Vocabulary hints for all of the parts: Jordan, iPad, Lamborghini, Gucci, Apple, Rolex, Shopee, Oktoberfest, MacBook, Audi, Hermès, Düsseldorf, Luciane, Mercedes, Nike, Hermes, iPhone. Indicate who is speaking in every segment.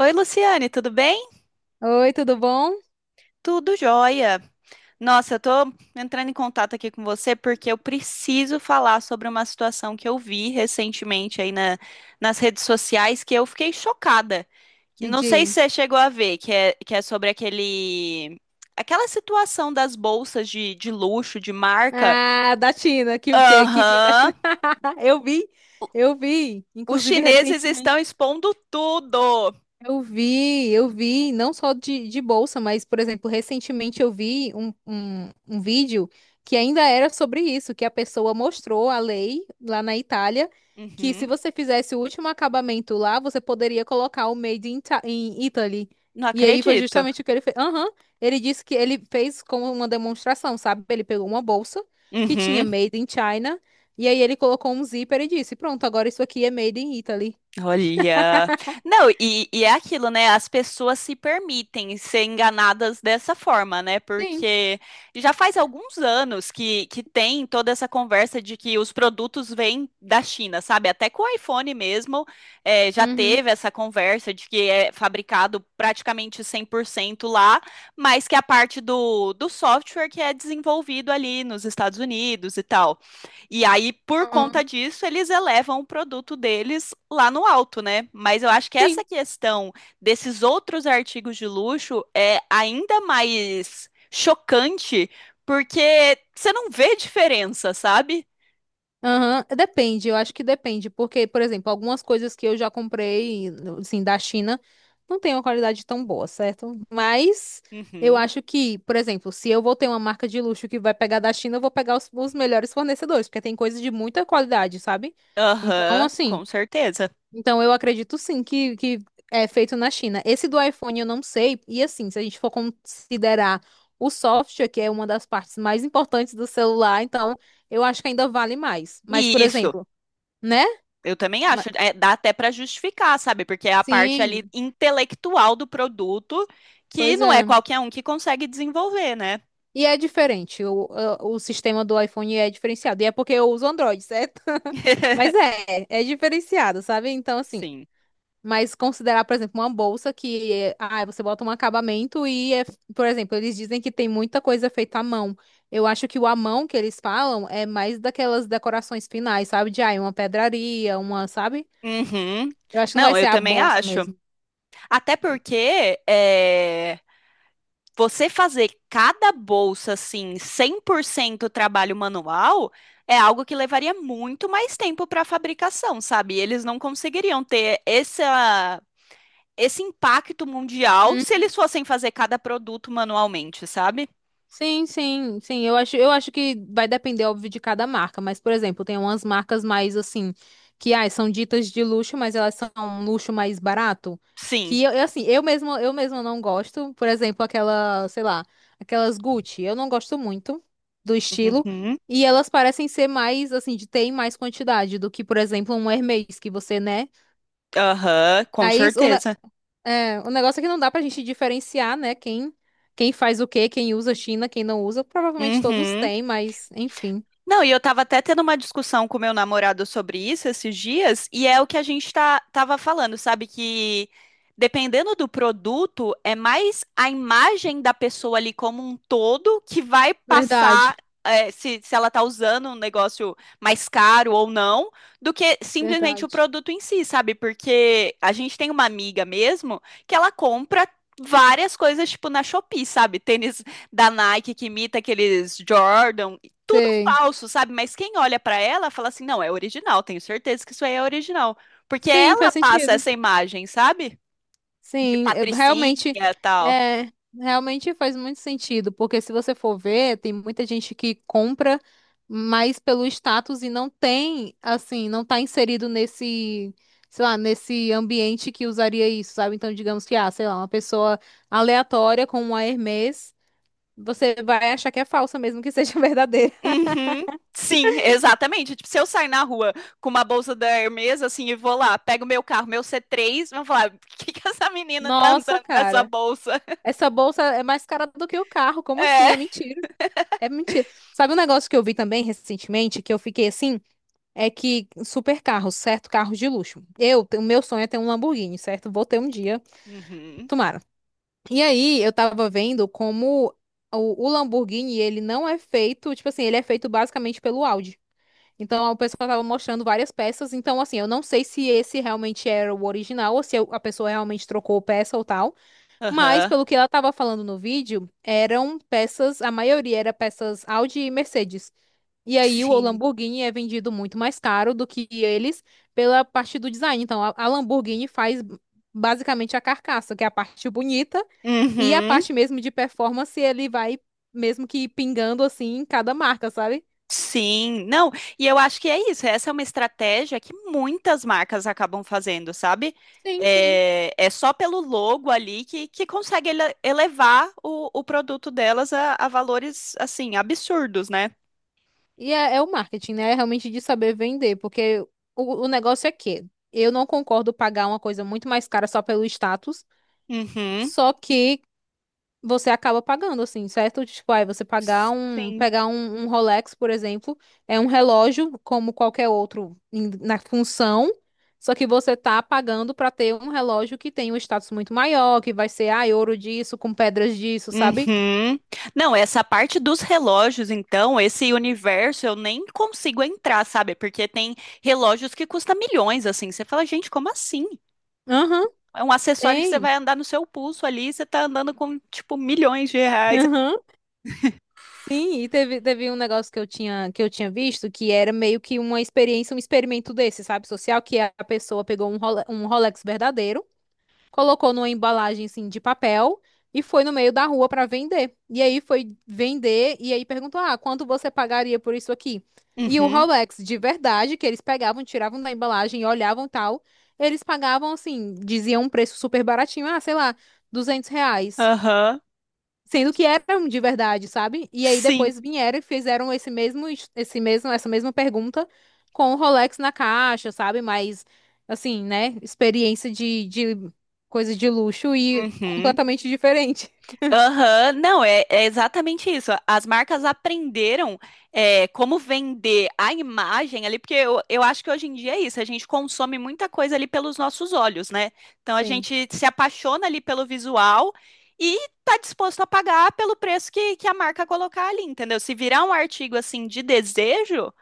Speaker 1: Oi, Luciane, tudo bem?
Speaker 2: Oi, tudo bom?
Speaker 1: Tudo jóia. Nossa, eu tô entrando em contato aqui com você porque eu preciso falar sobre uma situação que eu vi recentemente aí nas redes sociais que eu fiquei chocada. E
Speaker 2: Me
Speaker 1: Não sei se você
Speaker 2: diz.
Speaker 1: chegou a ver, que é sobre aquela situação das bolsas de luxo, de marca.
Speaker 2: Ah, da China, que vinha da
Speaker 1: Aham,
Speaker 2: China. Eu vi, eu vi.
Speaker 1: os
Speaker 2: Inclusive,
Speaker 1: chineses estão
Speaker 2: recentemente.
Speaker 1: expondo tudo.
Speaker 2: Eu vi, não só de bolsa, mas, por exemplo, recentemente eu vi um vídeo que ainda era sobre isso, que a pessoa mostrou a lei lá na Itália, que se
Speaker 1: Uhum,
Speaker 2: você fizesse o último acabamento lá, você poderia colocar o Made in, in Italy.
Speaker 1: não
Speaker 2: E aí foi
Speaker 1: acredito.
Speaker 2: justamente o que ele fez. Aham, ele disse que ele fez como uma demonstração, sabe? Ele pegou uma bolsa que tinha
Speaker 1: Uhum.
Speaker 2: Made in China, e aí ele colocou um zíper e disse, pronto, agora isso aqui é Made in Italy.
Speaker 1: Olha, não, e é aquilo, né? As pessoas se permitem ser enganadas dessa forma, né?
Speaker 2: Sim.
Speaker 1: Porque já faz alguns anos que tem toda essa conversa de que os produtos vêm da China, sabe? Até com o iPhone mesmo, já
Speaker 2: Uhum.
Speaker 1: teve essa conversa de que é fabricado praticamente 100% lá, mas que a parte do software que é desenvolvido ali nos Estados Unidos e tal. E aí, por conta
Speaker 2: Aham.
Speaker 1: disso, eles elevam o produto deles lá no alto, né? Mas eu acho que
Speaker 2: Sim.
Speaker 1: essa questão desses outros artigos de luxo é ainda mais chocante, porque você não vê diferença, sabe?
Speaker 2: Aham, depende, eu acho que depende, porque, por exemplo, algumas coisas que eu já comprei, assim, da China, não tem uma qualidade tão boa, certo? Mas eu
Speaker 1: Uhum.
Speaker 2: acho que, por exemplo, se eu vou ter uma marca de luxo que vai pegar da China, eu vou pegar os melhores fornecedores, porque tem coisa de muita qualidade, sabe? Então,
Speaker 1: Aham,
Speaker 2: assim,
Speaker 1: com certeza.
Speaker 2: então, eu acredito sim que é feito na China. Esse do iPhone eu não sei. E assim, se a gente for considerar o software, que é uma das partes mais importantes do celular, então eu acho que ainda vale mais.
Speaker 1: E
Speaker 2: Mas, por
Speaker 1: isso,
Speaker 2: exemplo, né?
Speaker 1: eu também
Speaker 2: Ma-
Speaker 1: acho, é, dá até para justificar, sabe? Porque é a parte ali
Speaker 2: Sim,
Speaker 1: intelectual do produto que
Speaker 2: pois
Speaker 1: não é
Speaker 2: é.
Speaker 1: qualquer um que consegue desenvolver, né?
Speaker 2: E é diferente. O sistema do iPhone é diferenciado. E é porque eu uso Android, certo? Mas é, é diferenciado, sabe? Então, assim.
Speaker 1: Sim.
Speaker 2: Mas considerar, por exemplo, uma bolsa que é- ah, você bota um acabamento e é, por exemplo, eles dizem que tem muita coisa feita à mão. Eu acho que o à mão que eles falam é mais daquelas decorações finais, sabe? De ah, uma pedraria, uma, sabe?
Speaker 1: Uhum.
Speaker 2: Eu acho que não vai
Speaker 1: Não,
Speaker 2: ser
Speaker 1: eu
Speaker 2: a
Speaker 1: também
Speaker 2: bolsa
Speaker 1: acho.
Speaker 2: mesmo.
Speaker 1: Até porque é, você fazer cada bolsa assim, 100% trabalho manual, é algo que levaria muito mais tempo para fabricação, sabe? E eles não conseguiriam ter esse impacto mundial se eles fossem fazer cada produto manualmente, sabe?
Speaker 2: Sim, sim, sim. Eu acho que vai depender, óbvio, de cada marca. Mas, por exemplo, tem umas marcas mais assim, que ai, são ditas de luxo, mas elas são um luxo mais barato.
Speaker 1: Sim.
Speaker 2: Que eu, assim, eu mesma não gosto. Por exemplo, aquela, sei lá, aquelas Gucci. Eu não gosto muito do estilo.
Speaker 1: Uhum.
Speaker 2: E elas parecem ser mais, assim, de ter em mais quantidade do que, por exemplo, um Hermès, que você, né?
Speaker 1: Aham, com
Speaker 2: Aí, isso-
Speaker 1: certeza.
Speaker 2: é, o negócio é que não dá pra gente diferenciar, né? Quem, quem faz o quê, quem usa China, quem não usa. Provavelmente todos
Speaker 1: Uhum.
Speaker 2: têm, mas enfim.
Speaker 1: Não, e eu tava até tendo uma discussão com o meu namorado sobre isso esses dias, e é o que a gente tava falando, sabe? Que dependendo do produto, é mais a imagem da pessoa ali como um todo que vai passar.
Speaker 2: Verdade,
Speaker 1: É, se ela tá usando um negócio mais caro ou não, do que simplesmente o
Speaker 2: verdade.
Speaker 1: produto em si, sabe? Porque a gente tem uma amiga mesmo que ela compra várias coisas, tipo, na Shopee, sabe? Tênis da Nike que imita aqueles Jordan, tudo
Speaker 2: Sei.
Speaker 1: falso, sabe? Mas quem olha pra ela fala assim: não, é original, tenho certeza que isso aí é original. Porque
Speaker 2: Sim,
Speaker 1: ela
Speaker 2: faz
Speaker 1: passa
Speaker 2: sentido.
Speaker 1: essa imagem, sabe? De
Speaker 2: Sim,
Speaker 1: patricinha e tal.
Speaker 2: é, realmente faz muito sentido, porque se você for ver, tem muita gente que compra mais pelo status e não tem, assim, não tá inserido nesse, sei lá, nesse ambiente que usaria isso, sabe? Então, digamos que, ah, sei lá, uma pessoa aleatória com uma Hermès, você vai achar que é falsa mesmo que seja verdadeira.
Speaker 1: Uhum. Sim, exatamente. Tipo, se eu sair na rua com uma bolsa da Hermes, assim, e vou lá, pego meu carro, meu C3 vão falar: por que que essa menina tá
Speaker 2: Nossa,
Speaker 1: andando com essa
Speaker 2: cara,
Speaker 1: bolsa?
Speaker 2: essa bolsa é mais cara do que o carro, como assim?
Speaker 1: É.
Speaker 2: É mentira. É mentira. Sabe um negócio que eu vi também recentemente, que eu fiquei assim, é que super carros, certo? Carros de luxo. Eu, o meu sonho é ter um Lamborghini, certo? Vou ter um dia,
Speaker 1: Uhum.
Speaker 2: tomara. E aí, eu tava vendo como o Lamborghini, ele não é feito, tipo assim, ele é feito basicamente pelo Audi. Então, a pessoa tava mostrando várias peças. Então, assim, eu não sei se esse realmente era o original ou se a pessoa realmente trocou peça ou tal. Mas,
Speaker 1: Aham.
Speaker 2: pelo que ela tava falando no vídeo, eram peças, a maioria era peças Audi e Mercedes. E aí o
Speaker 1: Sim.
Speaker 2: Lamborghini é vendido muito mais caro do que eles pela parte do design. Então a Lamborghini faz basicamente a carcaça, que é a parte bonita, e a
Speaker 1: Uhum.
Speaker 2: parte mesmo de performance ele vai mesmo que pingando assim em cada marca, sabe?
Speaker 1: Sim, não, e eu acho que é isso. Essa é uma estratégia que muitas marcas acabam fazendo, sabe?
Speaker 2: Sim, sim.
Speaker 1: É, é só pelo logo ali que consegue elevar o produto delas a valores, assim, absurdos, né?
Speaker 2: E é, é o marketing, né? É realmente de saber vender, porque o negócio é que eu não concordo pagar uma coisa muito mais cara só pelo status,
Speaker 1: Uhum,
Speaker 2: só que você acaba pagando, assim, certo? Tipo, aí você pagar um,
Speaker 1: sim.
Speaker 2: pegar um, um Rolex, por exemplo, é um relógio como qualquer outro na função, só que você tá pagando pra ter um relógio que tem um status muito maior, que vai ser, ah, ouro disso, com pedras disso, sabe?
Speaker 1: Uhum. Não, essa parte dos relógios, então, esse universo eu nem consigo entrar, sabe? Porque tem relógios que custam milhões, assim. Você fala, gente, como assim?
Speaker 2: Aham,
Speaker 1: É um acessório que você
Speaker 2: tem.
Speaker 1: vai andar no seu pulso ali, você tá andando com, tipo, milhões de reais.
Speaker 2: Aham. Sim, e teve, teve um negócio que eu tinha visto que era meio que uma experiência, um experimento desse, sabe, social, que a pessoa pegou um um Rolex verdadeiro, colocou numa embalagem assim de papel e foi no meio da rua para vender. E aí foi vender e aí perguntou: "Ah, quanto você pagaria por isso aqui?" E o
Speaker 1: Uhum,
Speaker 2: Rolex de verdade que eles pegavam, tiravam da embalagem e olhavam tal, eles pagavam assim, diziam um preço super baratinho, ah, sei lá, R$ 200.
Speaker 1: aham,
Speaker 2: Sendo que eram de verdade, sabe? E aí
Speaker 1: sim,
Speaker 2: depois vieram e fizeram esse mesmo, esse mesmo, essa mesma pergunta com o Rolex na caixa, sabe? Mas, assim, né? Experiência de coisa de luxo e
Speaker 1: uhum.
Speaker 2: completamente diferente.
Speaker 1: Aham, não, é, é exatamente isso. As marcas aprenderam é, como vender a imagem ali, porque eu acho que hoje em dia é isso, a gente consome muita coisa ali pelos nossos olhos, né? Então a
Speaker 2: Sim.
Speaker 1: gente se apaixona ali pelo visual e tá disposto a pagar pelo preço que a marca colocar ali, entendeu? Se virar um artigo assim de desejo,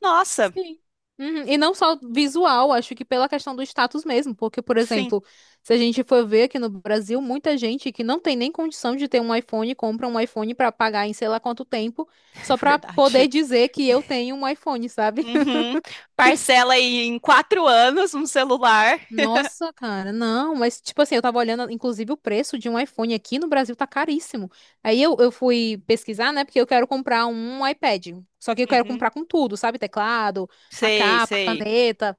Speaker 1: nossa,
Speaker 2: Sim. Uhum, e não só visual, acho que pela questão do status mesmo, porque, por
Speaker 1: sim.
Speaker 2: exemplo, se a gente for ver aqui no Brasil, muita gente que não tem nem condição de ter um iPhone, compra um iPhone pra pagar em sei lá quanto tempo,
Speaker 1: É
Speaker 2: só pra
Speaker 1: verdade.
Speaker 2: poder dizer que eu tenho um iPhone, sabe?
Speaker 1: Uhum. Parcela aí em 4 anos um celular.
Speaker 2: Nossa, cara, não, mas tipo assim, eu tava olhando, inclusive, o preço de um iPhone aqui no Brasil tá caríssimo. Aí eu fui pesquisar, né, porque eu quero comprar um iPad. Só que eu quero
Speaker 1: Uhum.
Speaker 2: comprar com tudo, sabe? Teclado, a
Speaker 1: Sei,
Speaker 2: capa, a
Speaker 1: sei.
Speaker 2: caneta.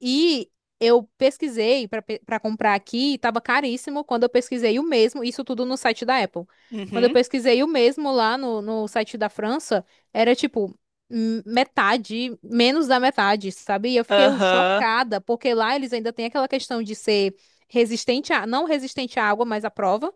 Speaker 2: E eu pesquisei para comprar aqui, e tava caríssimo. Quando eu pesquisei o mesmo, isso tudo no site da Apple. Quando eu
Speaker 1: Uhum.
Speaker 2: pesquisei o mesmo lá no, no site da França, era tipo metade, menos da metade, sabe? E eu fiquei
Speaker 1: Aham.
Speaker 2: chocada, porque lá eles ainda têm aquela questão de ser resistente a, não resistente à água, mas à prova.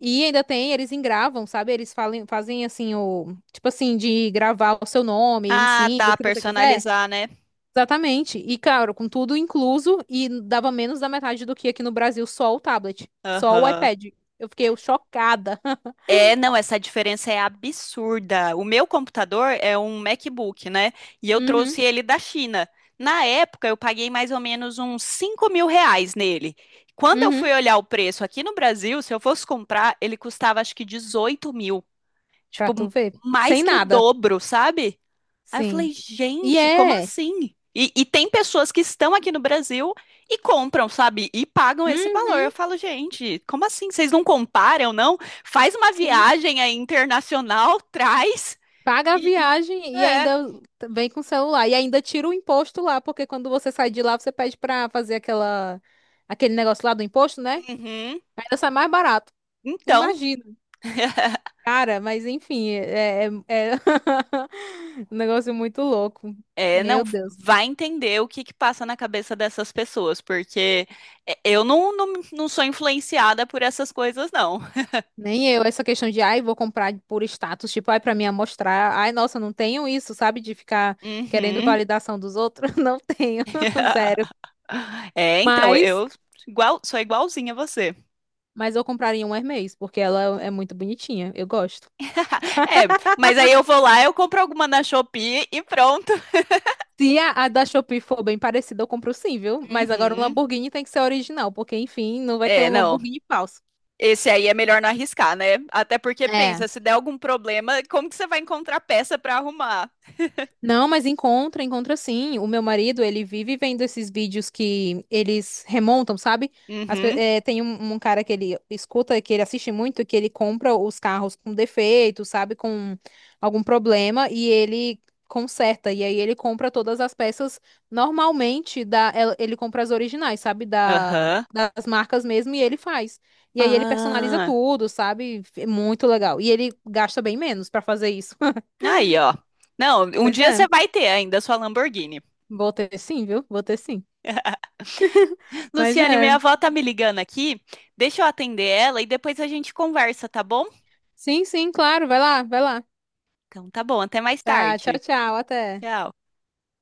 Speaker 2: E ainda tem, eles engravam, sabe? Eles falem, fazem assim o, tipo assim, de gravar o seu nome, um
Speaker 1: Ah,
Speaker 2: símbolo, o
Speaker 1: tá.
Speaker 2: que você quiser.
Speaker 1: Personalizar, né?
Speaker 2: Exatamente. E claro, com tudo incluso, e dava menos da metade do que aqui no Brasil, só o tablet, só o
Speaker 1: Aham.
Speaker 2: iPad. Eu fiquei chocada.
Speaker 1: É, não, essa diferença é absurda. O meu computador é um MacBook, né? E eu
Speaker 2: Uhum,
Speaker 1: trouxe ele da China. Na época, eu paguei mais ou menos uns R$ 5 mil nele. Quando eu fui
Speaker 2: uhum.
Speaker 1: olhar o preço aqui no Brasil, se eu fosse comprar, ele custava acho que 18 mil.
Speaker 2: Pra
Speaker 1: Tipo,
Speaker 2: tu ver.
Speaker 1: mais
Speaker 2: Sem
Speaker 1: que o
Speaker 2: nada.
Speaker 1: dobro, sabe? Aí eu
Speaker 2: Sim.
Speaker 1: falei,
Speaker 2: E
Speaker 1: gente, como
Speaker 2: é.
Speaker 1: assim? E tem pessoas que estão aqui no Brasil e compram, sabe? E pagam esse valor.
Speaker 2: Uhum,
Speaker 1: Eu falo, gente, como assim? Vocês não comparam, não? Faz uma
Speaker 2: sim.
Speaker 1: viagem aí internacional, traz
Speaker 2: Paga a
Speaker 1: e... e-
Speaker 2: viagem e
Speaker 1: É.
Speaker 2: ainda vem com o celular. E ainda tira o imposto lá, porque quando você sai de lá, você pede pra fazer aquela, aquele negócio lá do imposto, né?
Speaker 1: Uhum.
Speaker 2: Ainda sai mais barato.
Speaker 1: Então,
Speaker 2: Imagina. Cara, mas enfim, é, é, é um negócio muito louco.
Speaker 1: é, não,
Speaker 2: Meu Deus.
Speaker 1: vai entender o que que passa na cabeça dessas pessoas, porque é, eu não, não, não sou influenciada por essas coisas, não.
Speaker 2: Nem eu, essa questão de, ai, vou comprar por status, tipo, ai, pra me mostrar. Ai, nossa, não tenho isso, sabe? De ficar querendo
Speaker 1: Uhum.
Speaker 2: validação dos outros. Não tenho, zero.
Speaker 1: É, então,
Speaker 2: Mas,
Speaker 1: eu igual, sou igualzinha a você.
Speaker 2: mas eu compraria um Hermès, porque ela é muito bonitinha. Eu gosto.
Speaker 1: É, mas aí eu vou lá, eu compro alguma na Shopee e pronto.
Speaker 2: Se a, a da Shopee for bem parecida, eu compro sim, viu? Mas agora o
Speaker 1: Uhum.
Speaker 2: Lamborghini tem que ser original, porque, enfim, não vai ter
Speaker 1: É,
Speaker 2: um
Speaker 1: não.
Speaker 2: Lamborghini falso.
Speaker 1: Esse aí é melhor não arriscar, né? Até porque
Speaker 2: É.
Speaker 1: pensa, se der algum problema, como que você vai encontrar peça pra arrumar?
Speaker 2: Não, mas encontra, encontra sim. O meu marido, ele vive vendo esses vídeos que eles remontam, sabe?
Speaker 1: Uhum.
Speaker 2: Tem um, um cara que ele escuta, que ele assiste muito, que ele compra os carros com defeito, sabe? Com algum problema e ele conserta. E aí ele compra todas as peças normalmente da, ele compra as originais, sabe? Da,
Speaker 1: Aham.
Speaker 2: das marcas mesmo e ele faz. E aí ele personaliza
Speaker 1: Ah.
Speaker 2: tudo, sabe? É muito legal. E ele gasta bem menos pra fazer isso.
Speaker 1: Aí, ó. Não, um
Speaker 2: Pois
Speaker 1: dia você
Speaker 2: é.
Speaker 1: vai ter ainda a sua Lamborghini.
Speaker 2: Vou ter sim, viu? Vou ter sim. Mas
Speaker 1: Luciane, minha
Speaker 2: é.
Speaker 1: avó tá me ligando aqui. Deixa eu atender ela e depois a gente conversa, tá bom?
Speaker 2: Sim, sim, claro. Vai lá, vai lá.
Speaker 1: Então tá bom, até mais
Speaker 2: Tá, tchau,
Speaker 1: tarde.
Speaker 2: tchau. Até.
Speaker 1: Tchau.